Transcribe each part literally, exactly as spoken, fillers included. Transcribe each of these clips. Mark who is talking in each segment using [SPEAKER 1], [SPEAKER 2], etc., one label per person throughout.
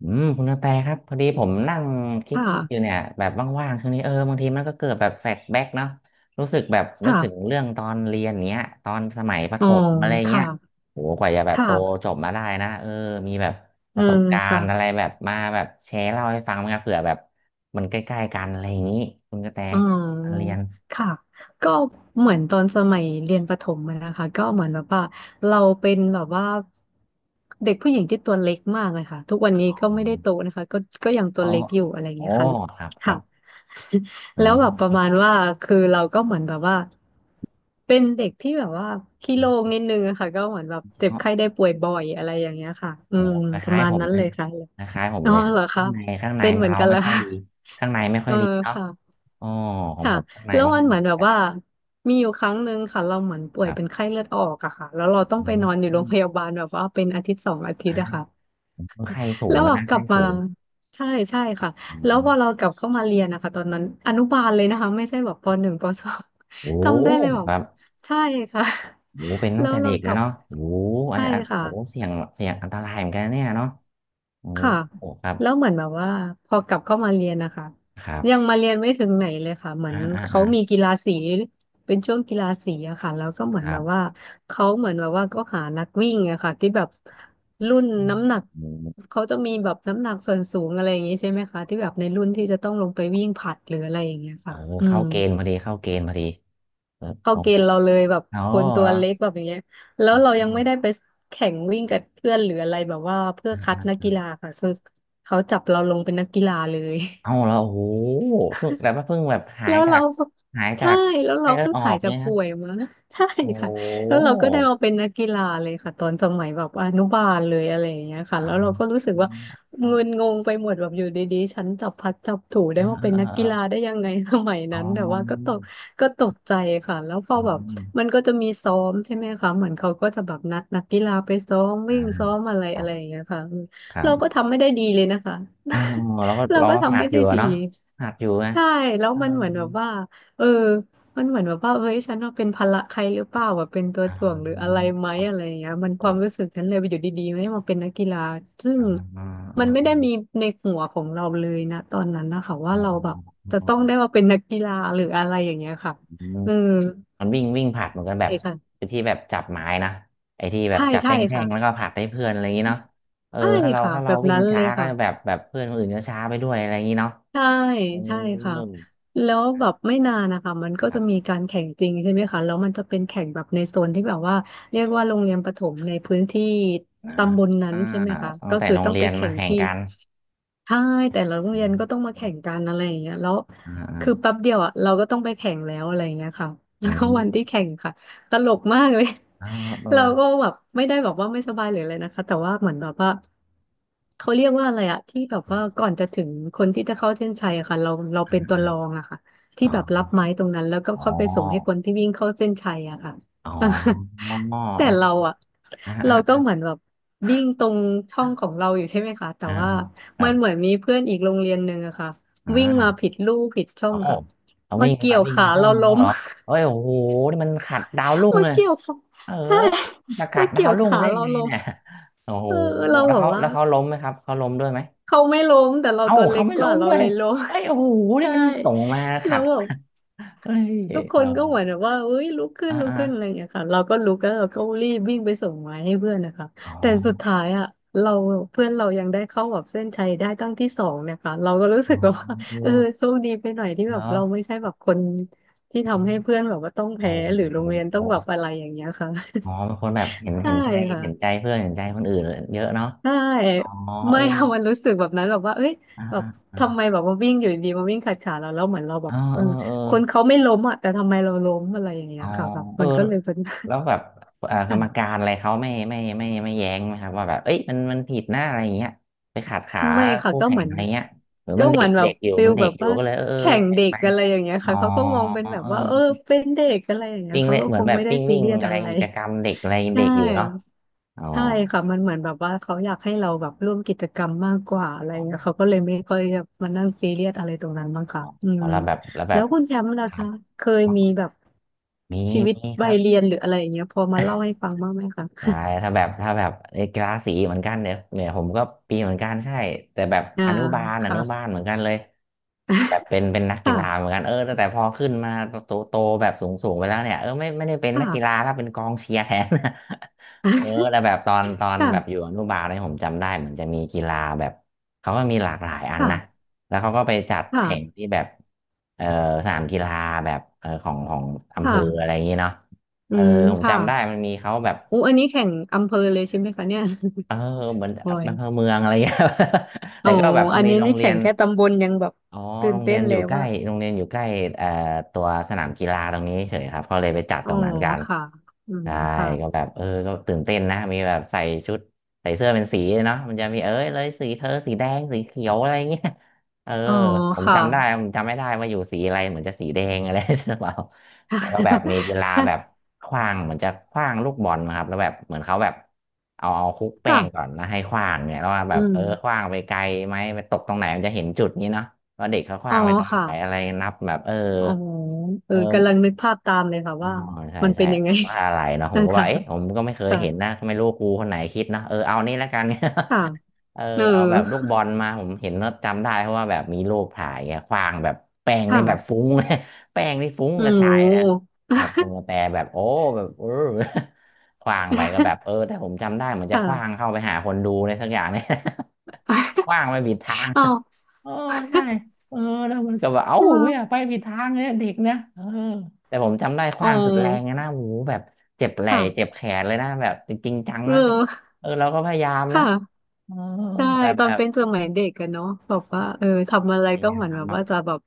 [SPEAKER 1] อืมคุณกระแตครับพอดีผมนั่งคิดคิดอยู่
[SPEAKER 2] ค่ะ
[SPEAKER 1] เนี่ยแบบว่างๆช่วงนี้เออบางทีมันก็เกิดแบบแฟลชแบ็กเนาะรู้สึกแบบนึก
[SPEAKER 2] ค่ะ
[SPEAKER 1] ถึงเรื่องตอนเรียนเนี้ยตอนสมัยประถ
[SPEAKER 2] อ๋อ
[SPEAKER 1] มอะไรเงี้ย
[SPEAKER 2] ค่ะ
[SPEAKER 1] โหกว่าจะแบบโต
[SPEAKER 2] ค่ะ
[SPEAKER 1] จบมาได้นะเออมีแบบป
[SPEAKER 2] อื
[SPEAKER 1] ระส
[SPEAKER 2] ม
[SPEAKER 1] บการ
[SPEAKER 2] ค่ะ
[SPEAKER 1] ณ์อะไรแบบมาแบบแชร์เล่าให้ฟังไหมครับเผื่อแบบมันใกล้ๆกันอะไรอย่างนี้คุณกระแต
[SPEAKER 2] อ๋อ
[SPEAKER 1] ตอนเรียน
[SPEAKER 2] ค่ะก็เหมือนตอนสมัยเรียนประถมอะนะคะก็เหมือนแบบว่าเราเป็นแบบว่าเด็กผู้หญิงที่ตัวเล็กมากเลยค่ะทุกวัน
[SPEAKER 1] อ
[SPEAKER 2] นี้ก็
[SPEAKER 1] ๋
[SPEAKER 2] ไม่ได้โตนะคะก็ก็ยังตั
[SPEAKER 1] อ
[SPEAKER 2] วเล็กอยู่อะไรอย่าง
[SPEAKER 1] อ๋อ
[SPEAKER 2] เงี้ยค่ะ
[SPEAKER 1] ครับครั
[SPEAKER 2] ค่ะ
[SPEAKER 1] บอื
[SPEAKER 2] แล้วแบบประ
[SPEAKER 1] ม
[SPEAKER 2] มาณว่าคือเราก็เหมือนแบบว่าเป็นเด็กที่แบบว่าขี้โลงนิดนึงอะค่ะก็เหมือนแบบเจ็บไข้ได้ป่วยบ่อยอะไรอย่างเงี้ยค่ะอื
[SPEAKER 1] โอ้
[SPEAKER 2] ม
[SPEAKER 1] ค
[SPEAKER 2] ประ
[SPEAKER 1] ล้าย
[SPEAKER 2] มา
[SPEAKER 1] ๆผ
[SPEAKER 2] ณ
[SPEAKER 1] ม
[SPEAKER 2] นั้น
[SPEAKER 1] เล
[SPEAKER 2] เล
[SPEAKER 1] ย
[SPEAKER 2] ยค่ะ
[SPEAKER 1] คล้ายๆผม
[SPEAKER 2] อ๋อ
[SPEAKER 1] เลยครับ
[SPEAKER 2] เหรอครั
[SPEAKER 1] ข้าง
[SPEAKER 2] บ
[SPEAKER 1] ในข้างใน
[SPEAKER 2] เป็น
[SPEAKER 1] มั
[SPEAKER 2] เห
[SPEAKER 1] น
[SPEAKER 2] มือน
[SPEAKER 1] เรา
[SPEAKER 2] กัน
[SPEAKER 1] ไม่
[SPEAKER 2] แล้ว
[SPEAKER 1] ค่อย
[SPEAKER 2] ค่ะ
[SPEAKER 1] ดีข้างในไม่ค่
[SPEAKER 2] เอ
[SPEAKER 1] อ
[SPEAKER 2] อ
[SPEAKER 1] ยดีเนาะ
[SPEAKER 2] ค่ะ
[SPEAKER 1] อ๋อของ
[SPEAKER 2] ค่ะ
[SPEAKER 1] ผมข้างใน
[SPEAKER 2] แล้ว
[SPEAKER 1] ไม่
[SPEAKER 2] มั
[SPEAKER 1] ค่
[SPEAKER 2] น
[SPEAKER 1] อย
[SPEAKER 2] เหมื
[SPEAKER 1] ดี
[SPEAKER 2] อนแบบ
[SPEAKER 1] กัน
[SPEAKER 2] ว่ามีอยู่ครั้งหนึ่งค่ะเราเหมือนป่
[SPEAKER 1] ค
[SPEAKER 2] วย
[SPEAKER 1] รั
[SPEAKER 2] เป็น
[SPEAKER 1] บ
[SPEAKER 2] ไข้เลือดออกอะค่ะแล้วเราต้อง
[SPEAKER 1] อื
[SPEAKER 2] ไปนอนอยู่โรง
[SPEAKER 1] ม
[SPEAKER 2] พยาบาลแบบว่าเป็นอาทิตย์สองอาทิต
[SPEAKER 1] อ่
[SPEAKER 2] ย์อะ
[SPEAKER 1] า
[SPEAKER 2] ค่ะ
[SPEAKER 1] ไข้สู
[SPEAKER 2] แล้
[SPEAKER 1] ง
[SPEAKER 2] ว
[SPEAKER 1] อะ
[SPEAKER 2] แบบ
[SPEAKER 1] นะ
[SPEAKER 2] กลั
[SPEAKER 1] ไข้
[SPEAKER 2] บมา
[SPEAKER 1] สูง
[SPEAKER 2] ใช่ใช่ค่ะ
[SPEAKER 1] อื
[SPEAKER 2] แล้ว
[SPEAKER 1] ม
[SPEAKER 2] พอเรากลับเข้ามาเรียนนะคะตอนนั้นอนุบาลเลยนะคะไม่ใช่แบบปหนึ่งปสอง
[SPEAKER 1] โอ้
[SPEAKER 2] จำได้เลยแบ
[SPEAKER 1] แบ
[SPEAKER 2] บ
[SPEAKER 1] บ
[SPEAKER 2] ใช่ค่ะ
[SPEAKER 1] โอ้เป็น ตั้
[SPEAKER 2] แล้
[SPEAKER 1] ง
[SPEAKER 2] ว
[SPEAKER 1] แต่เด็
[SPEAKER 2] เรา
[SPEAKER 1] ก
[SPEAKER 2] ก
[SPEAKER 1] เลย
[SPEAKER 2] ลับ
[SPEAKER 1] เนาะโอ้อัน
[SPEAKER 2] ใช่
[SPEAKER 1] อัน
[SPEAKER 2] ค่ะ
[SPEAKER 1] โอ้เสี่ยงเสี่ยงอันตรายเหมือนกันนะเนี่ยเนาะโอ้
[SPEAKER 2] ค่ะ
[SPEAKER 1] โอ้ครับ
[SPEAKER 2] แล้วเหมือนแบบว่าพอกลับเข้ามาเรียนนะคะ
[SPEAKER 1] ครับ
[SPEAKER 2] ยังมาเรียนไม่ถึงไหนเลยค่ะเหมือ
[SPEAKER 1] อ่า
[SPEAKER 2] น
[SPEAKER 1] อ่า
[SPEAKER 2] เขา
[SPEAKER 1] อ่า
[SPEAKER 2] มีกีฬาสีเป็นช่วงกีฬาสีอะค่ะแล้วก็เหมือ
[SPEAKER 1] ค
[SPEAKER 2] น
[SPEAKER 1] รั
[SPEAKER 2] แบบว่า
[SPEAKER 1] บ
[SPEAKER 2] เขาเหมือนแบบว่าก็หานักวิ่งอะค่ะที่แบบรุ่นน้ำหนัก
[SPEAKER 1] อืม
[SPEAKER 2] เขาจะมีแบบน้ำหนักส่วนสูงอะไรอย่างงี้ใช่ไหมคะที่แบบในรุ่นที่จะต้องลงไปวิ่งผลัดหรืออะไรอย่างเงี้ย
[SPEAKER 1] เอ
[SPEAKER 2] ค่ะ
[SPEAKER 1] อ
[SPEAKER 2] อื
[SPEAKER 1] เข้า
[SPEAKER 2] ม
[SPEAKER 1] เกณฑ์พอดีเข้าเกณฑ์พอดีเออ
[SPEAKER 2] เข้า
[SPEAKER 1] ตรง
[SPEAKER 2] เกณ
[SPEAKER 1] กั
[SPEAKER 2] ฑ์
[SPEAKER 1] น
[SPEAKER 2] เราเลยแบบ
[SPEAKER 1] อ๋อ
[SPEAKER 2] คนตั
[SPEAKER 1] เห
[SPEAKER 2] ว
[SPEAKER 1] รอ
[SPEAKER 2] เล็กแบบอย่างเงี้ยแล้
[SPEAKER 1] อ
[SPEAKER 2] วเรายั
[SPEAKER 1] ื
[SPEAKER 2] ง
[SPEAKER 1] ม
[SPEAKER 2] ไม่ได้ไปแข่งวิ่งกับเพื่อนหรืออะไรแบบว่าเพื่อคัดนักกีฬาค่ะคือเขาจับเราลงเป็นนักกีฬาเลย
[SPEAKER 1] เอาแล้วโอ้โหเพิ่งแบบว่าเพิ่งแบบหา
[SPEAKER 2] แล้
[SPEAKER 1] ย
[SPEAKER 2] ว
[SPEAKER 1] จา
[SPEAKER 2] เรา
[SPEAKER 1] กหายจา
[SPEAKER 2] ใช่
[SPEAKER 1] ก
[SPEAKER 2] แล้ว
[SPEAKER 1] ไข้
[SPEAKER 2] เรา
[SPEAKER 1] เลือด
[SPEAKER 2] เพิ่ง
[SPEAKER 1] ออ
[SPEAKER 2] หา
[SPEAKER 1] ก
[SPEAKER 2] ยจาก
[SPEAKER 1] เนี่ยนะ
[SPEAKER 2] ป่วยมา ใช่
[SPEAKER 1] โอ้โ
[SPEAKER 2] ค่ะแล้วเรา
[SPEAKER 1] ห
[SPEAKER 2] ก็ได้มาเป็นนักกีฬาเลยค่ะตอนสมัยแบบอนุบาลเลยอะไรอย่างเงี้ยค่ะแล้
[SPEAKER 1] เอา
[SPEAKER 2] วเราก็รู้สึกว่า
[SPEAKER 1] เอ
[SPEAKER 2] เงิน
[SPEAKER 1] อ
[SPEAKER 2] งงไปหมดแบบอยู่ดีๆฉันจับพลัดจับถู
[SPEAKER 1] เอ
[SPEAKER 2] ได้
[SPEAKER 1] อ
[SPEAKER 2] มาเป็น
[SPEAKER 1] เออ
[SPEAKER 2] นัก
[SPEAKER 1] เอ
[SPEAKER 2] กี
[SPEAKER 1] อ
[SPEAKER 2] ฬาได้ยังไง สมัยนั้
[SPEAKER 1] เอา
[SPEAKER 2] นแต่ว่าก็ตกก็ตกใจค่ะแล้วพอ
[SPEAKER 1] อื
[SPEAKER 2] แบบมัน
[SPEAKER 1] ม
[SPEAKER 2] ก็จะมีซ้อมใช่ไหมคะเหมือนเขาก็จะแบบนัดนักกีฬาไปซ้อม
[SPEAKER 1] อ่า
[SPEAKER 2] วิ่งซ้อมอะไร
[SPEAKER 1] ครั
[SPEAKER 2] อะไรอ
[SPEAKER 1] บ
[SPEAKER 2] ย่างเงี้ยค่ะ
[SPEAKER 1] ครั
[SPEAKER 2] เราก็
[SPEAKER 1] บ
[SPEAKER 2] ทำไม่ได้ดีเลยนะคะ
[SPEAKER 1] เออแล้วก็
[SPEAKER 2] เรา
[SPEAKER 1] เรา
[SPEAKER 2] ก็
[SPEAKER 1] ก็หั
[SPEAKER 2] ทำ
[SPEAKER 1] ด
[SPEAKER 2] ไม่
[SPEAKER 1] อ
[SPEAKER 2] ได้
[SPEAKER 1] ยู่อะ
[SPEAKER 2] ดี
[SPEAKER 1] เนาะหัดอยู่ไง
[SPEAKER 2] ใช่แล้ว
[SPEAKER 1] เออ
[SPEAKER 2] มันเหมือนแบบว่าเออมันเหมือนแบบว่าเฮ้ยฉันว่าเป็นภาระใครหรือเปล่าแบบเป็นตัว
[SPEAKER 1] อ่า
[SPEAKER 2] ถ่วงหรืออะไรไหมอะไรอย่างเงี้ยมันความรู้สึ
[SPEAKER 1] โอ้
[SPEAKER 2] กนั้นเลยไปอยู่ดีๆไม่ได้มาเป็นนักกีฬาซึ่ง
[SPEAKER 1] อ่าอ่า
[SPEAKER 2] มั
[SPEAKER 1] อ่า
[SPEAKER 2] นไม่ได้มีในหัวของเราเลยนะตอนนั้นนะคะว่าเราแบบ
[SPEAKER 1] อ
[SPEAKER 2] จะต้องได้มาเป็นนักกีฬาหรืออะไรอย่างเงี้ยค่ะ
[SPEAKER 1] อ
[SPEAKER 2] เออ
[SPEAKER 1] มันวิ่งวิ่งผลัดเหมือนกันแบบ
[SPEAKER 2] ใช่ค่ะ
[SPEAKER 1] คือที่แบบจับไม้นะไอ้ที่แบบ
[SPEAKER 2] ใช่
[SPEAKER 1] จับแท
[SPEAKER 2] ใช่
[SPEAKER 1] ่
[SPEAKER 2] ค่ะ
[SPEAKER 1] งๆแล้วก็ผลัดให้เพื่อนอะไรอย่างนี้เนาะเออ
[SPEAKER 2] ใช่
[SPEAKER 1] ถ้าเรา
[SPEAKER 2] ค่ะ
[SPEAKER 1] ถ้า
[SPEAKER 2] แบ
[SPEAKER 1] เรา
[SPEAKER 2] บ
[SPEAKER 1] วิ่ง
[SPEAKER 2] นั้นเล
[SPEAKER 1] ช้า
[SPEAKER 2] ย
[SPEAKER 1] ก็
[SPEAKER 2] ค่ะ
[SPEAKER 1] จะแบบแบบเพื่อนคนอื่นก็ช้าไปด้วยอะไรอย่างนี้เนาะ
[SPEAKER 2] ใช่
[SPEAKER 1] เอ
[SPEAKER 2] ใช่ค่ะ
[SPEAKER 1] อ
[SPEAKER 2] แล้วแบบไม่นานนะคะมันก็
[SPEAKER 1] ครั
[SPEAKER 2] จะมี
[SPEAKER 1] บ
[SPEAKER 2] การแข่งจริงใช่ไหมคะแล้วมันจะเป็นแข่งแบบในโซนที่แบบว่าเรียกว่าโรงเรียนประถมในพื้นที่
[SPEAKER 1] อ่า
[SPEAKER 2] ตำบลนั้
[SPEAKER 1] อ่า
[SPEAKER 2] นใช่ไหมคะ
[SPEAKER 1] ตั้ง
[SPEAKER 2] ก็
[SPEAKER 1] แต่
[SPEAKER 2] คือ
[SPEAKER 1] โรง
[SPEAKER 2] ต้อง
[SPEAKER 1] เรี
[SPEAKER 2] ไป
[SPEAKER 1] ยน
[SPEAKER 2] แข่
[SPEAKER 1] มา
[SPEAKER 2] ง
[SPEAKER 1] แข่ง
[SPEAKER 2] ที่
[SPEAKER 1] กัน
[SPEAKER 2] ใช่แต่ละโรงเรีย
[SPEAKER 1] อื
[SPEAKER 2] น
[SPEAKER 1] ม
[SPEAKER 2] ก็ต้องมาแข่งกันอะไรอย่างเงี้ยแล้ว
[SPEAKER 1] อ่าอ่า
[SPEAKER 2] คือแป๊บเดียวอ่ะเราก็ต้องไปแข่งแล้วอะไรอย่างเงี้ยค่ะ
[SPEAKER 1] อื
[SPEAKER 2] แล้ววัน
[SPEAKER 1] ม
[SPEAKER 2] ที่แข่งค่ะตลกมากเลย
[SPEAKER 1] อ่าเออ
[SPEAKER 2] เราก็แบบไม่ได้แบบว่าไม่สบายหรืออะไรนะคะแต่ว่าเหมือนแบบว่าเขาเรียกว่าอะไรอะที่แบบว่าก่อนจะถึงคนที่จะเข้าเส้นชัยอะค่ะเราเราเป็นตัวรองอะค่ะที่
[SPEAKER 1] อ๋อ
[SPEAKER 2] แบบรับไม้ตรงนั้นแล้วก็
[SPEAKER 1] อ๋อ
[SPEAKER 2] ค่อยไปส่งให้คนที่วิ่งเข้าเส้นชัยอะค่ะ
[SPEAKER 1] อ๋อ
[SPEAKER 2] อ่ะ
[SPEAKER 1] เออ
[SPEAKER 2] แต่เราอะ
[SPEAKER 1] อ่าอ่
[SPEAKER 2] เราก็
[SPEAKER 1] า
[SPEAKER 2] เหมือนแบบวิ่งตรงช่องของเราอยู่ใช่ไหมคะแต่
[SPEAKER 1] อ่า
[SPEAKER 2] ว่า
[SPEAKER 1] ครั
[SPEAKER 2] มันเหมือ
[SPEAKER 1] บ
[SPEAKER 2] นมีเพื่อนอีกโรงเรียนหนึ่งอะค่ะ
[SPEAKER 1] อ่
[SPEAKER 2] วิ่งมา
[SPEAKER 1] า
[SPEAKER 2] ผิดลู่ผิดช่อ
[SPEAKER 1] โอ้
[SPEAKER 2] งค่ะ
[SPEAKER 1] เอา
[SPEAKER 2] มา
[SPEAKER 1] วิ่ง
[SPEAKER 2] เกี่
[SPEAKER 1] มา
[SPEAKER 2] ยว
[SPEAKER 1] วิ่ง
[SPEAKER 2] ขา
[SPEAKER 1] มาช่อ
[SPEAKER 2] เรา
[SPEAKER 1] ง
[SPEAKER 2] ล้
[SPEAKER 1] เรา
[SPEAKER 2] ม
[SPEAKER 1] เหรอเอ้ยโอ้โหนี่มันขัดดาวรุ่ ง
[SPEAKER 2] มา
[SPEAKER 1] เลย
[SPEAKER 2] เกี่ยวขา
[SPEAKER 1] เออ
[SPEAKER 2] ใช่
[SPEAKER 1] สกั
[SPEAKER 2] มา
[SPEAKER 1] ดดา
[SPEAKER 2] เกี่ย
[SPEAKER 1] ว
[SPEAKER 2] ว
[SPEAKER 1] รุ่ง
[SPEAKER 2] ขา
[SPEAKER 1] ได้
[SPEAKER 2] เรา
[SPEAKER 1] ไง
[SPEAKER 2] ล้ม
[SPEAKER 1] เนี่ยโอ้โห
[SPEAKER 2] เออเรา
[SPEAKER 1] แล้ว
[SPEAKER 2] บอก
[SPEAKER 1] เขา
[SPEAKER 2] ว่า
[SPEAKER 1] แล้วเขาล้มไหมครับเขาล้มด้วยไหม
[SPEAKER 2] เขาไม่ล้มแต่เรา
[SPEAKER 1] เอ้า
[SPEAKER 2] ตัวเล็
[SPEAKER 1] เขา
[SPEAKER 2] ก
[SPEAKER 1] ไม่
[SPEAKER 2] ก
[SPEAKER 1] ล้
[SPEAKER 2] ว่า
[SPEAKER 1] ม
[SPEAKER 2] เรา
[SPEAKER 1] ด้ว
[SPEAKER 2] เล
[SPEAKER 1] ย
[SPEAKER 2] ยล้ม
[SPEAKER 1] เอ้ยโอ้โห นี่
[SPEAKER 2] ใช่
[SPEAKER 1] มันส่งมา
[SPEAKER 2] แล้
[SPEAKER 1] ขั
[SPEAKER 2] ว
[SPEAKER 1] ด
[SPEAKER 2] แบบ
[SPEAKER 1] เอ้ย
[SPEAKER 2] ทุกค
[SPEAKER 1] เอ
[SPEAKER 2] นก็
[SPEAKER 1] อ
[SPEAKER 2] เหมือนแบบว่าเอ้ยลุกขึ้
[SPEAKER 1] อ่า
[SPEAKER 2] นลุก
[SPEAKER 1] อ่า
[SPEAKER 2] ขึ้นอะไรอย่างเงี้ยค่ะเราก็ลุกแล้วเราก็รีบวิ่งไปส่งไม้ให้เพื่อนนะคะ
[SPEAKER 1] อ๋อ
[SPEAKER 2] แต่สุดท้ายอ่ะเราเพื่อนเรายังได้เข้าแบบเส้นชัยได้ตั้งที่สองนะคะเราก็รู้สึ
[SPEAKER 1] อ๋
[SPEAKER 2] ก
[SPEAKER 1] อ
[SPEAKER 2] แบบว่า
[SPEAKER 1] เอ
[SPEAKER 2] เออ
[SPEAKER 1] อ
[SPEAKER 2] โชคดีไปหน่อยที่แบ
[SPEAKER 1] เนาะ
[SPEAKER 2] บเราไม่ใช่แบบคนที่ทำให้เพื่อนแบบว่าต้องแพ้
[SPEAKER 1] โอ้โห
[SPEAKER 2] หรือโรงเรียนต้องแบบอะไรอย่างเงี้ยค่ะ
[SPEAKER 1] อ๋อเป็นคนแบบเห็ น
[SPEAKER 2] ใช่
[SPEAKER 1] เห็นใจเห็นใจ
[SPEAKER 2] ค่ะ
[SPEAKER 1] เพื่อนเห็นใจคนอื่นเยอะเนาะ
[SPEAKER 2] ใช
[SPEAKER 1] อ๋อ
[SPEAKER 2] ่
[SPEAKER 1] เอ
[SPEAKER 2] ไม่
[SPEAKER 1] อ
[SPEAKER 2] ค่ะมันรู้สึกแบบนั้นแบบว่าเอ้ย
[SPEAKER 1] อ่า
[SPEAKER 2] แบบ
[SPEAKER 1] อ่าอ่า
[SPEAKER 2] ทำไมแบบมาวิ่งอยู่ดีๆมาวิ่งขัดขาเราแล้วเหมือนเราแบ
[SPEAKER 1] อ๋
[SPEAKER 2] บ
[SPEAKER 1] อ
[SPEAKER 2] เอ
[SPEAKER 1] เอ
[SPEAKER 2] อ
[SPEAKER 1] อเออ
[SPEAKER 2] คนเขาไม่ล้มอ่ะแต่ทำไมเราล้มอะไรอย่างเงี้
[SPEAKER 1] อ๋
[SPEAKER 2] ย
[SPEAKER 1] อ
[SPEAKER 2] ค่ะแบบ
[SPEAKER 1] เออ
[SPEAKER 2] มันก็เลยเป็น
[SPEAKER 1] แล้วแบบเอ่อกรรมกา รอะไรเขาไม่ไม่ไม่ไม่แย้งไหมครับว่าแบบเอ้ยมันมันผิดหน้าอะไรอย่างเงี้ยไปขัดขา
[SPEAKER 2] ไม่ค่ะ
[SPEAKER 1] คู่
[SPEAKER 2] ก็
[SPEAKER 1] แข่
[SPEAKER 2] เห
[SPEAKER 1] ง
[SPEAKER 2] มือน
[SPEAKER 1] อะไรเงี้ยหรือ
[SPEAKER 2] ก็
[SPEAKER 1] มัน
[SPEAKER 2] เห
[SPEAKER 1] เด็
[SPEAKER 2] มือ
[SPEAKER 1] ก
[SPEAKER 2] นแบ
[SPEAKER 1] เด็
[SPEAKER 2] บ
[SPEAKER 1] กอยู่
[SPEAKER 2] ฟิ
[SPEAKER 1] มั
[SPEAKER 2] ล
[SPEAKER 1] นเด็
[SPEAKER 2] แบ
[SPEAKER 1] ก
[SPEAKER 2] บ
[SPEAKER 1] อยู่
[SPEAKER 2] ว่า
[SPEAKER 1] ก็เลยเออเออ
[SPEAKER 2] แข่ง
[SPEAKER 1] แข่ง
[SPEAKER 2] เด็ก
[SPEAKER 1] ไป
[SPEAKER 2] อะไรอย่างเงี้ย
[SPEAKER 1] อ๋อ
[SPEAKER 2] ค่ะเขาก็มองเป็นแบ
[SPEAKER 1] เอ
[SPEAKER 2] บ
[SPEAKER 1] อ
[SPEAKER 2] ว่าเออเป็นเด็กอะไรอย่างเงี้ย
[SPEAKER 1] วิ่ง
[SPEAKER 2] เขา
[SPEAKER 1] เล่น
[SPEAKER 2] ก็
[SPEAKER 1] เหมื
[SPEAKER 2] ค
[SPEAKER 1] อน
[SPEAKER 2] ง
[SPEAKER 1] แบบ
[SPEAKER 2] ไม่ได้
[SPEAKER 1] วิ่ง
[SPEAKER 2] ซี
[SPEAKER 1] วิ่ง
[SPEAKER 2] เรียส
[SPEAKER 1] อะไร
[SPEAKER 2] อะไร
[SPEAKER 1] กิจกรรมเด็กอะไร
[SPEAKER 2] ใช
[SPEAKER 1] เด็กอยู่เนาะ
[SPEAKER 2] ่
[SPEAKER 1] อ๋อ
[SPEAKER 2] ใช่ค่ะมันเหมือนแบบว่าเขาอยากให้เราแบบร่วมกิจกรรมมากกว่าอะไร
[SPEAKER 1] อ๋อ
[SPEAKER 2] เงี้ยเขาก็เลยไม่ค่อยแบบมานั่งซีเรียสอะไรตรงนั้นบ้างค่ะอื
[SPEAKER 1] อ๋อ
[SPEAKER 2] ม
[SPEAKER 1] แล้วแบบแล้วแบ
[SPEAKER 2] แล้
[SPEAKER 1] บ
[SPEAKER 2] วคุณแชมป์ล่ะ
[SPEAKER 1] ครับ
[SPEAKER 2] คะเคยมีแบบ
[SPEAKER 1] มี
[SPEAKER 2] ชีวิต
[SPEAKER 1] มีค
[SPEAKER 2] วั
[SPEAKER 1] รั
[SPEAKER 2] ย
[SPEAKER 1] บ
[SPEAKER 2] เรียนหรืออะไรอย่างเงี้ยพอมาเล่าให้ฟังบ้างไหมคะ
[SPEAKER 1] ได้ถ้าแบบถ้าแบบในกีฬาสีเหมือนกันเนี่ยเนี่ยผมก็ปีเหมือนกันใช่แต่แบบ
[SPEAKER 2] อ่า
[SPEAKER 1] อนุบาลอ
[SPEAKER 2] ค่ะ
[SPEAKER 1] นุบาลเหมือนกันเลยแบบเป็นเป็นนัก กีฬาเห
[SPEAKER 2] ค่ะ
[SPEAKER 1] มือนกันเออตั้งแต่พอขึ้นมาโตโตแบบสูงสูงไปแล้วเนี่ยเออไม่ไม่ได้เป็น
[SPEAKER 2] ค่ะ
[SPEAKER 1] นักกีฬา แล้วเป็นกองเชียร์แทน เออแต่แบบตอนตอนแบบอยู่
[SPEAKER 2] ค่ะ
[SPEAKER 1] อนุบาลเนี่ยผมจำได้เหมือนจะมีกีฬาแบบเขาก็มีหลากหลายอันนะ
[SPEAKER 2] ค่ะ
[SPEAKER 1] แล้วเขาก็ไปจัดแข่ง
[SPEAKER 2] ค่ะ
[SPEAKER 1] ที่แบบเอ่อสนามกีฬาแบบเออของของอำเภออะไร
[SPEAKER 2] ค่ะ
[SPEAKER 1] อย่างงี้เนาะ
[SPEAKER 2] อื
[SPEAKER 1] เออ
[SPEAKER 2] ม
[SPEAKER 1] ผม
[SPEAKER 2] ค่ะ
[SPEAKER 1] จำได้มันมีเขาแบบ
[SPEAKER 2] โอ้อันนี้แข่งอำเภอเลยใช่ไหมคะเนี่ย
[SPEAKER 1] เออเหมือนแบ
[SPEAKER 2] บ
[SPEAKER 1] บ
[SPEAKER 2] อย
[SPEAKER 1] อำเภอเมืองอะไรเงี้ย แต่
[SPEAKER 2] อ๋อ
[SPEAKER 1] ก็แบบบา
[SPEAKER 2] อั
[SPEAKER 1] ง
[SPEAKER 2] น
[SPEAKER 1] ที
[SPEAKER 2] นี้
[SPEAKER 1] โรง
[SPEAKER 2] นี่
[SPEAKER 1] เรี
[SPEAKER 2] แข่
[SPEAKER 1] ย
[SPEAKER 2] ง
[SPEAKER 1] น
[SPEAKER 2] แค่ตำบลยังแบบ
[SPEAKER 1] อ๋อ
[SPEAKER 2] ตื่
[SPEAKER 1] โร
[SPEAKER 2] น
[SPEAKER 1] ง
[SPEAKER 2] เต้
[SPEAKER 1] เรีย
[SPEAKER 2] น
[SPEAKER 1] นอ
[SPEAKER 2] แล้
[SPEAKER 1] ยู่
[SPEAKER 2] ว
[SPEAKER 1] ใกล้
[SPEAKER 2] อะ
[SPEAKER 1] โรงเรียนอยู่ใกล้เอ่อตัวสนามกีฬาตรงนี้เฉยครับก็เลยไปจัด
[SPEAKER 2] อ๋
[SPEAKER 1] ต
[SPEAKER 2] อ
[SPEAKER 1] รงนั้นกัน
[SPEAKER 2] ค่ะอืม
[SPEAKER 1] ใช่
[SPEAKER 2] ค่ะ
[SPEAKER 1] ก็แบบเออก็ตื่นเต้นนะมีแบบใส่ชุดใส่เสื้อเป็นสีเนาะมันจะมีเอ้ยเลยสีเธอสีแดงสีเขียวอะไรเงี้ยเออ
[SPEAKER 2] อ๋อ
[SPEAKER 1] ผม
[SPEAKER 2] ค่ะ
[SPEAKER 1] จำได้ผมจำไม่ได้ว่าอยู่สีอะไรเหมือนจะสีแดงอะไร หรือเปล่าแล้วก็แบบมีกีฬาแบ บขว้างเหมือนจะขว้างลูกบอลนะครับแล้วแบบเหมือนเขาแบบเอาเอาคลุกแป้
[SPEAKER 2] ค่ะ
[SPEAKER 1] งก่อนแล้วให้ขว้างเนี่ยแล้วว่าแบ
[SPEAKER 2] อื
[SPEAKER 1] บ
[SPEAKER 2] ม
[SPEAKER 1] เออขว้างไปไกลไหมไปตกตรงไหนมันจะเห็นจุดนี้เนาะ ว่าเด็กเขาข
[SPEAKER 2] อ๋
[SPEAKER 1] ว้า
[SPEAKER 2] อ
[SPEAKER 1] งไปตรง
[SPEAKER 2] ค่ะ
[SPEAKER 1] ไหนอะไรนับแบบเออ
[SPEAKER 2] อ๋อเออกำลั
[SPEAKER 1] เออ
[SPEAKER 2] งนึกภาพตามเลยค่ะ
[SPEAKER 1] อ๋อ
[SPEAKER 2] ว่า
[SPEAKER 1] ใช่
[SPEAKER 2] มัน
[SPEAKER 1] ใช่
[SPEAKER 2] เป็นยังไง
[SPEAKER 1] ว่าอะไรเนาะผ ม
[SPEAKER 2] นะ
[SPEAKER 1] ก็ว่า
[SPEAKER 2] คะ
[SPEAKER 1] เอ๊ะผมก็ไม่เคยเห็นนะ
[SPEAKER 2] ค่ะ
[SPEAKER 1] ไม่รู้ครูคนไหนคิดนะเออเอานี่แล้วกัน
[SPEAKER 2] ค่ะ
[SPEAKER 1] เออ
[SPEAKER 2] เออ
[SPEAKER 1] เอาแบบลูกบอลมาผมเห็นแล้วจำได้เพราะว่าแบบมีรูปถ่ายไงขว้างแบบแป้งนี่แบบ
[SPEAKER 2] ค่ะ
[SPEAKER 1] ฟุ้งเลย แป้งนี่ฟุ้ง
[SPEAKER 2] โอ
[SPEAKER 1] กระจายนะ
[SPEAKER 2] ื
[SPEAKER 1] ครับผมแตแบบโอ้แบบเออ ขว้างไปก็แบบเออแต่ผมจำได้เหมือนจะ
[SPEAKER 2] ค่ะ
[SPEAKER 1] ขว้างเข้าไปหาคนดูในสักอย่างเนี่ย ข ว้างไปผิดทาง
[SPEAKER 2] อ๋อ
[SPEAKER 1] เออใช่เออแล้วมันก็แบบเอ้าเว้ยไปผิดทางเนี่ยเด็กเนี่ยเออแต่ผมจำได้ข
[SPEAKER 2] อ๋อ
[SPEAKER 1] ว้างสุดแรงเลยนะโอ้โหแบบเจ็บไหล่เจ็บ
[SPEAKER 2] ค่ะ
[SPEAKER 1] แขนเลยนะแบบจริงๆจัง
[SPEAKER 2] เอ
[SPEAKER 1] นะ
[SPEAKER 2] อ
[SPEAKER 1] เออเราก็พยายามนะ
[SPEAKER 2] ค่ะ
[SPEAKER 1] เออ
[SPEAKER 2] ใช่
[SPEAKER 1] แบบ
[SPEAKER 2] ตอ
[SPEAKER 1] แบ
[SPEAKER 2] น
[SPEAKER 1] บ
[SPEAKER 2] เป็นสมัยเด็กกันเนาะแบบว่าเออทำอะไร
[SPEAKER 1] พ
[SPEAKER 2] ก็
[SPEAKER 1] ยายา
[SPEAKER 2] เหมือน
[SPEAKER 1] ม
[SPEAKER 2] แบบ
[SPEAKER 1] เนาะ
[SPEAKER 2] ว่าจะแบบ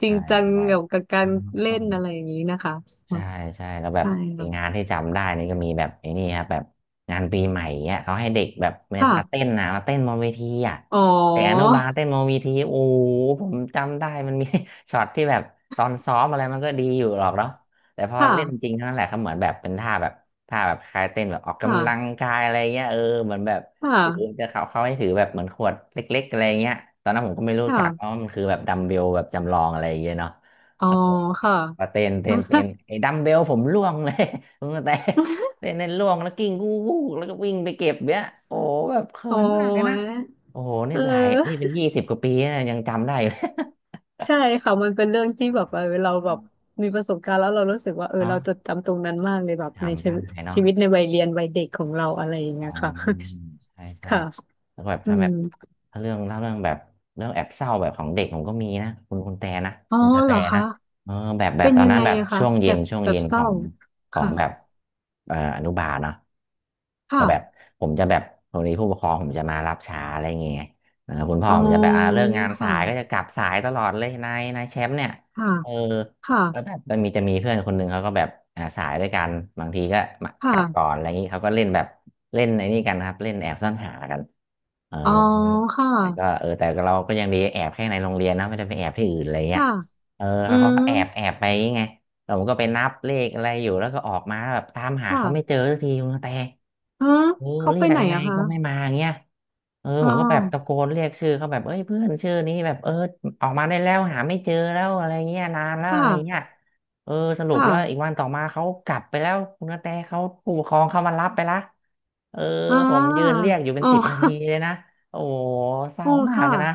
[SPEAKER 2] จริ
[SPEAKER 1] ใช่
[SPEAKER 2] งจังเกี่ยวกับการเล่
[SPEAKER 1] ใช่
[SPEAKER 2] นอะไรอย่างนี้นะคะ
[SPEAKER 1] ใช่ใช่แล้วแบบ
[SPEAKER 2] ใช่
[SPEAKER 1] งาน
[SPEAKER 2] ค่ะ
[SPEAKER 1] ที่จำได้นี่ก็มีแบบไอ้นี่ครับแบบงานปีใหม่เนี้ยเขาให้เด็กแบบ
[SPEAKER 2] ค่ะ
[SPEAKER 1] มาเต้นนะมาเต้นบนเวทีอ่ะ
[SPEAKER 2] อ๋อ
[SPEAKER 1] แต่อนุบาลเต้นบนเวทีโอ้โหผมจำได้มันมี ช็อตที่แบบตอนซ้อมอะไรมันก็ดีอยู่หรอกเนาะแต่พอ
[SPEAKER 2] ค
[SPEAKER 1] เล่นจริ
[SPEAKER 2] ่ะ
[SPEAKER 1] งเท่านั้นแหละเขาเหมือนแบบเป็นท่าแบบท่าแบบคล้ายเต้นแบบออกกำลัง
[SPEAKER 2] ค่ะ
[SPEAKER 1] กายอะไรเงี้ยเออเหมือนแบบ
[SPEAKER 2] ค่
[SPEAKER 1] ถือ
[SPEAKER 2] ะ
[SPEAKER 1] จะเขาเขาให้ถือแบบเหมือนขวดเล็กๆอะไรเงี้ยตอนนั้นผมก็ไม่รู้จักว่า
[SPEAKER 2] ค่ะ
[SPEAKER 1] มันคือแบบดัมเบลแบบจำลองอะไรเงี้ยเนาะ
[SPEAKER 2] อ๋อค่ะ
[SPEAKER 1] มาเต้นเต้นเต้ นไอ้ดัมเบลผมร่วงเลย ผมแต่เต้นเต้นร่วงแล้วกิ้งกู้กู้แล้วก็วิ่งไปเก็บเนี้ยโอ้โหแบบเขิ
[SPEAKER 2] โอ๋
[SPEAKER 1] นมากเลยนะ
[SPEAKER 2] อ
[SPEAKER 1] โอ้โหนี่
[SPEAKER 2] เอ
[SPEAKER 1] หลายนี่เป็
[SPEAKER 2] อ
[SPEAKER 1] นยี่สิบกว่าปีนะยังจำได้เลย
[SPEAKER 2] ใช่ค่ะมันเป็นเรื่องที่แบบเออเราแบบมีประสบการณ์แล้วเรารู้สึกว่าเออ
[SPEAKER 1] เนาะ
[SPEAKER 2] เราจดจำตรงนั้นมากเลยแบบใน
[SPEAKER 1] จำ
[SPEAKER 2] ชี
[SPEAKER 1] ได้
[SPEAKER 2] วิต
[SPEAKER 1] เนาะ
[SPEAKER 2] ชีวิตในวัยเรียนวัยเด็กของเราอะไรอย่าง
[SPEAKER 1] อ๋
[SPEAKER 2] เงี้ยค่ะ
[SPEAKER 1] อใช่ ใช่
[SPEAKER 2] ค่ะ
[SPEAKER 1] แล้วก็แบบ
[SPEAKER 2] อื
[SPEAKER 1] ถ้าแบ
[SPEAKER 2] ม
[SPEAKER 1] บถ้าเรื่องเล่าเรื่องแบบเรื่องแอบเศร้าแบบของเด็กผมก็มีนะคุณคุณแต่นะ
[SPEAKER 2] อ๋อ
[SPEAKER 1] คุณกระแต
[SPEAKER 2] เหรอ
[SPEAKER 1] นะ
[SPEAKER 2] คะ
[SPEAKER 1] เออแบบแบ
[SPEAKER 2] เป็
[SPEAKER 1] บ
[SPEAKER 2] น
[SPEAKER 1] ตอน
[SPEAKER 2] ยัง
[SPEAKER 1] นั้น
[SPEAKER 2] ไง
[SPEAKER 1] แบบ
[SPEAKER 2] อะคะ
[SPEAKER 1] ช่วง
[SPEAKER 2] แบ
[SPEAKER 1] เย็น
[SPEAKER 2] บ
[SPEAKER 1] ช่วง
[SPEAKER 2] แบบ
[SPEAKER 1] เย็น
[SPEAKER 2] เศ
[SPEAKER 1] ขอ
[SPEAKER 2] ร้า
[SPEAKER 1] งของ
[SPEAKER 2] ค่ะ
[SPEAKER 1] แบบเอ่ออนุบาลเนาะ
[SPEAKER 2] ค่ะ
[SPEAKER 1] ก็แบบผมจะแบบตรงนี้ผู้ปกครองผมจะมารับช้าอะไรอย่างเงี้ยเออคุณพ่อ
[SPEAKER 2] อ๋
[SPEAKER 1] ผมจะแบบ
[SPEAKER 2] อ
[SPEAKER 1] อ่าเลิกงาน
[SPEAKER 2] ค
[SPEAKER 1] สายก็จะ
[SPEAKER 2] ่ะ
[SPEAKER 1] กลับสายตลอดเลยนายนายแชมป์เนี่ย
[SPEAKER 2] ค่ะ
[SPEAKER 1] เออ
[SPEAKER 2] ค่ะ
[SPEAKER 1] ก็แบบมันมีจะมีเพื่อนคนหนึ่งเขาก็แบบอ่าสายด้วยกันบางทีก็มาก
[SPEAKER 2] ค่ะ
[SPEAKER 1] ลับก่อนอะไรอย่างนี้เขาก็เล่นแบบเล่นไอ้นี่กันครับเล่นแอบซ่อนหากันเออ
[SPEAKER 2] อ๋อ ค่ะ
[SPEAKER 1] แต่ก็เออแต่เราก็ยังดีแอบแค่ในโรงเรียนนะไม่ได้ไปแอบที่อื่นอะไรเงี้ย
[SPEAKER 2] ค่ะ
[SPEAKER 1] เออ
[SPEAKER 2] อื
[SPEAKER 1] เขา
[SPEAKER 2] ม
[SPEAKER 1] ก็แอบแอบไปไงแต่ผมก็ไปนับเลขอะไรอยู่แล้วก็ออกมาแบบตามหาเขาไม่
[SPEAKER 2] ค่ะ
[SPEAKER 1] เจอสักทีคุณกระแต
[SPEAKER 2] อืม
[SPEAKER 1] เออ
[SPEAKER 2] เขา
[SPEAKER 1] เรี
[SPEAKER 2] ไป
[SPEAKER 1] ยก
[SPEAKER 2] ไหน
[SPEAKER 1] ยังไง
[SPEAKER 2] อะคะ
[SPEAKER 1] ก็ไม่มาเงี้ยเออ
[SPEAKER 2] อ๋
[SPEAKER 1] ผ
[SPEAKER 2] อ
[SPEAKER 1] มก็แบบตะโกนเรียกชื่อเขาแบบเอ้ยเพื่อนชื่อนี้แบบเออ ออกมาได้แล้วหาไม่เจอแล้วอะไรเงี้ยนานแล้วอะไรเงี้ย
[SPEAKER 2] ค่ะ
[SPEAKER 1] เออสรุปแล้วอีก
[SPEAKER 2] ค่ะ
[SPEAKER 1] วันต่อมาเขากลับไปแล้วคุณกระแตเขาผู้ปกครองเขามารับไปละเออ
[SPEAKER 2] อ่
[SPEAKER 1] ผมยืน
[SPEAKER 2] า
[SPEAKER 1] เรียกอยู่เป็น
[SPEAKER 2] อ๋อ
[SPEAKER 1] สิบนาทีเลยนะโอ้โหเศ ร้า
[SPEAKER 2] อ๋อ
[SPEAKER 1] มาก
[SPEAKER 2] ค่ะ
[SPEAKER 1] นะ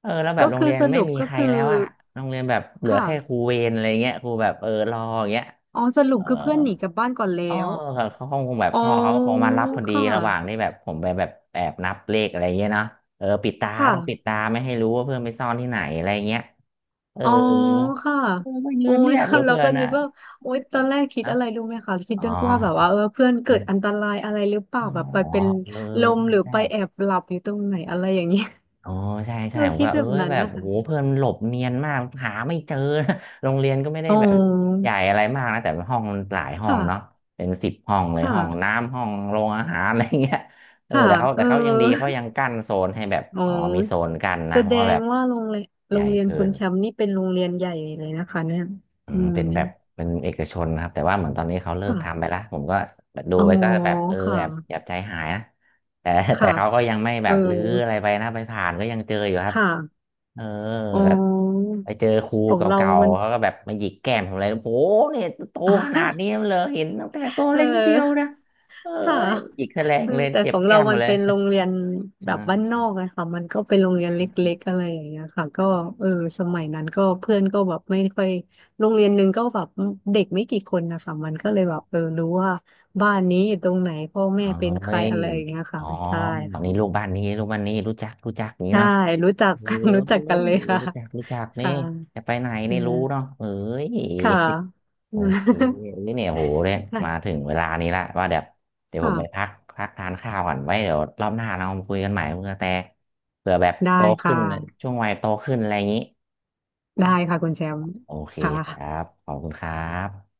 [SPEAKER 1] เออแล้วแบ
[SPEAKER 2] ก็
[SPEAKER 1] บโรง
[SPEAKER 2] คือ
[SPEAKER 1] เรียน
[SPEAKER 2] ส
[SPEAKER 1] ไม่
[SPEAKER 2] รุป
[SPEAKER 1] มี
[SPEAKER 2] ก็
[SPEAKER 1] ใคร
[SPEAKER 2] คือ
[SPEAKER 1] แล้วอะโรงเรียนแบบเหลือแค่ครู
[SPEAKER 2] ค่ะ
[SPEAKER 1] เวรอะไรเงี้ยครูแบบเออรออย่างเงี้ย
[SPEAKER 2] อ๋อสรุ
[SPEAKER 1] เอ
[SPEAKER 2] ป
[SPEAKER 1] อ
[SPEAKER 2] คือเพื่อนหนีกลับบ้านก่อน
[SPEAKER 1] เออ
[SPEAKER 2] แล้ว
[SPEAKER 1] แบบเขาคงแบบ
[SPEAKER 2] อ๋
[SPEAKER 1] พ่อเขาค
[SPEAKER 2] อ
[SPEAKER 1] งมารับพอ
[SPEAKER 2] ค
[SPEAKER 1] ดีระหว่าง
[SPEAKER 2] ่ะ
[SPEAKER 1] ที่แบบผมไปแบบแอบนับเลขอะไรเงี้ยเนาะเออปิดตา
[SPEAKER 2] ค
[SPEAKER 1] ต้องปิด
[SPEAKER 2] ่ะ
[SPEAKER 1] ตาไม่ให้รู้ว่าเพื่อนไปซ่อนที่ไหนอะไรเงี้ย เออ
[SPEAKER 2] อ๋อค่ะ
[SPEAKER 1] เออไม่ยื
[SPEAKER 2] โอ้
[SPEAKER 1] นเรี
[SPEAKER 2] ย
[SPEAKER 1] ยก
[SPEAKER 2] เรา
[SPEAKER 1] เพื่อ
[SPEAKER 2] ก็
[SPEAKER 1] นนะ
[SPEAKER 2] นึกว่า
[SPEAKER 1] เ
[SPEAKER 2] โอ้ย
[SPEAKER 1] อ
[SPEAKER 2] ต
[SPEAKER 1] อ
[SPEAKER 2] อนแรกคิด
[SPEAKER 1] นะ
[SPEAKER 2] อะไรรู้ไหมคะคิด
[SPEAKER 1] อ๋อ
[SPEAKER 2] ว่าแบบว่าเออเพื่อนเกิ
[SPEAKER 1] มัน
[SPEAKER 2] ดอันตรายอะไรหรือเปล่า
[SPEAKER 1] อ๋อ
[SPEAKER 2] แบบไปเป็น
[SPEAKER 1] เออ
[SPEAKER 2] ลม
[SPEAKER 1] ใช่
[SPEAKER 2] หรือ
[SPEAKER 1] ใช่
[SPEAKER 2] ไปแอบหลับอยู่ตรงไหนอะไรอย่างเงี้ย
[SPEAKER 1] อ๋อใช่ ใช่
[SPEAKER 2] เรา
[SPEAKER 1] ผม
[SPEAKER 2] คิ
[SPEAKER 1] ก็
[SPEAKER 2] ดแบ
[SPEAKER 1] เอ้
[SPEAKER 2] บ
[SPEAKER 1] ย
[SPEAKER 2] นั้น
[SPEAKER 1] แบบ
[SPEAKER 2] นะ
[SPEAKER 1] โห
[SPEAKER 2] คะ
[SPEAKER 1] เพื่อนมหลบเนียนมากหาไม่เจอนะ โรงเรียนก็ไม่ได้
[SPEAKER 2] อ๋
[SPEAKER 1] แบบ
[SPEAKER 2] อ
[SPEAKER 1] ใหญ่อะไรมากนะแต่ห้องมันหลายห้องเนาะ
[SPEAKER 2] ค่ะ
[SPEAKER 1] เป็นสิบห้องเลย
[SPEAKER 2] ค่ะ
[SPEAKER 1] ห้องน้ำห้องโรงอาหารอะไรเงี้ยเออ
[SPEAKER 2] ค่ะ
[SPEAKER 1] แต่เขา
[SPEAKER 2] เอ
[SPEAKER 1] แต่
[SPEAKER 2] อ
[SPEAKER 1] เขายังดีเขายังกั้นโซนให้แบบ
[SPEAKER 2] อ๋อ
[SPEAKER 1] อ๋อมีโซนกั้น
[SPEAKER 2] แส
[SPEAKER 1] นะเพ
[SPEAKER 2] ด
[SPEAKER 1] ราะว่าแบ
[SPEAKER 2] ง
[SPEAKER 1] บ
[SPEAKER 2] ว่าโรงเรียน
[SPEAKER 1] ให
[SPEAKER 2] โร
[SPEAKER 1] ญ่
[SPEAKER 2] งเรียน
[SPEAKER 1] เกิ
[SPEAKER 2] คุณ
[SPEAKER 1] น
[SPEAKER 2] แชมป์นี่เป็นโรงเรียนใหญ่เลยนะคะเนี่ย
[SPEAKER 1] อื
[SPEAKER 2] อื
[SPEAKER 1] ม
[SPEAKER 2] ม
[SPEAKER 1] เป็นแบบเป็นเอกชนนะครับแต่ว่าเหมือนตอนนี้เขาเลิกทำไป
[SPEAKER 2] ค่ะ
[SPEAKER 1] ละผมก็แบบดู
[SPEAKER 2] อ๋อ
[SPEAKER 1] ไปก็แบบเออ
[SPEAKER 2] ค่ะ
[SPEAKER 1] แอบแอบใจหายนะแต่แต่
[SPEAKER 2] ค่ะ
[SPEAKER 1] เขาก็ยังไม่แบ
[SPEAKER 2] เออ
[SPEAKER 1] บรื้ออะไรไปนะไปผ่านก็ยังเจออยู่ครับ
[SPEAKER 2] ค่ะ
[SPEAKER 1] เออ
[SPEAKER 2] อ๋อ
[SPEAKER 1] แบบไปเจอครู
[SPEAKER 2] ของเรา
[SPEAKER 1] เก่า
[SPEAKER 2] มัน
[SPEAKER 1] ๆเขาก็แบบมาหยิกแก้มผมอะไรโอ้โหเนี่ยโตขนาดนี้ เลยเห็นตั้งแต่ตัว
[SPEAKER 2] เอ
[SPEAKER 1] เล็กนิดเดียวนะ
[SPEAKER 2] อ
[SPEAKER 1] เอ้
[SPEAKER 2] ค่ะ
[SPEAKER 1] ยหยิกแสลง
[SPEAKER 2] เออ
[SPEAKER 1] เลย
[SPEAKER 2] แต่
[SPEAKER 1] เจ็
[SPEAKER 2] ข
[SPEAKER 1] บ
[SPEAKER 2] อง
[SPEAKER 1] แก้
[SPEAKER 2] เรา
[SPEAKER 1] มหม
[SPEAKER 2] มั
[SPEAKER 1] ด
[SPEAKER 2] น
[SPEAKER 1] เลย
[SPEAKER 2] เป็นโรงเรียนแบ
[SPEAKER 1] อ
[SPEAKER 2] บบ้าน
[SPEAKER 1] ่
[SPEAKER 2] นอกอะค่ะมันก็เป็นโรงเรียนเล็กๆอะไรอย่างเงี้ยค่ะก็เออสมัยนั้นก็เพื่อนก็แบบไม่ค่อยโรงเรียนหนึ่งก็แบบเด็กไม่กี่คนนะคะมันก็เลยแบบเออรู้ว่าบ้านนี้อยู่ตรงไหนพ่อแม่
[SPEAKER 1] า
[SPEAKER 2] เป็นใค
[SPEAKER 1] เอ้
[SPEAKER 2] ร
[SPEAKER 1] ย
[SPEAKER 2] อะไรอย่างเงี้ย
[SPEAKER 1] อ๋
[SPEAKER 2] ค่ะ
[SPEAKER 1] อ
[SPEAKER 2] ใช่
[SPEAKER 1] ฝั่ง
[SPEAKER 2] ค่ะ
[SPEAKER 1] นี้ลูกบ้านนี้ลูกบ้านนี้รู้จักรู้จักอย่างนี้
[SPEAKER 2] ใช่
[SPEAKER 1] เนาะ
[SPEAKER 2] รู้จัก
[SPEAKER 1] เอ
[SPEAKER 2] กัน รู้จัก
[SPEAKER 1] อ
[SPEAKER 2] กันเลยค่ะ
[SPEAKER 1] รู้จักรู้จักนี่
[SPEAKER 2] ค่ะ
[SPEAKER 1] จะไปไหน
[SPEAKER 2] เออ
[SPEAKER 1] นี่รู้เนาะเอ้ย
[SPEAKER 2] ค่ะ
[SPEAKER 1] โอ
[SPEAKER 2] อืม
[SPEAKER 1] เคเอ้ยเนี่ยโหเนี่ย
[SPEAKER 2] ค่ะ
[SPEAKER 1] มาถึงเวลานี้ละว่าเดี๋ยวเดี๋ยวผมไปพั
[SPEAKER 2] ค่ะ
[SPEAKER 1] กพักทานข้าวก่อนไว้เดี๋ยวรอบหน้าเรามาคุยกันใหม่คุณกระแตเผื่อแบบ
[SPEAKER 2] ได้
[SPEAKER 1] โต
[SPEAKER 2] ค
[SPEAKER 1] ขึ้น
[SPEAKER 2] ่ะ
[SPEAKER 1] ช่วงวัยโตขึ้นอะไรอย่างนี้
[SPEAKER 2] ได้ค่ะคุณแชมป์
[SPEAKER 1] โอเค
[SPEAKER 2] ค่
[SPEAKER 1] ครั
[SPEAKER 2] ะ
[SPEAKER 1] บขอบคุณครับ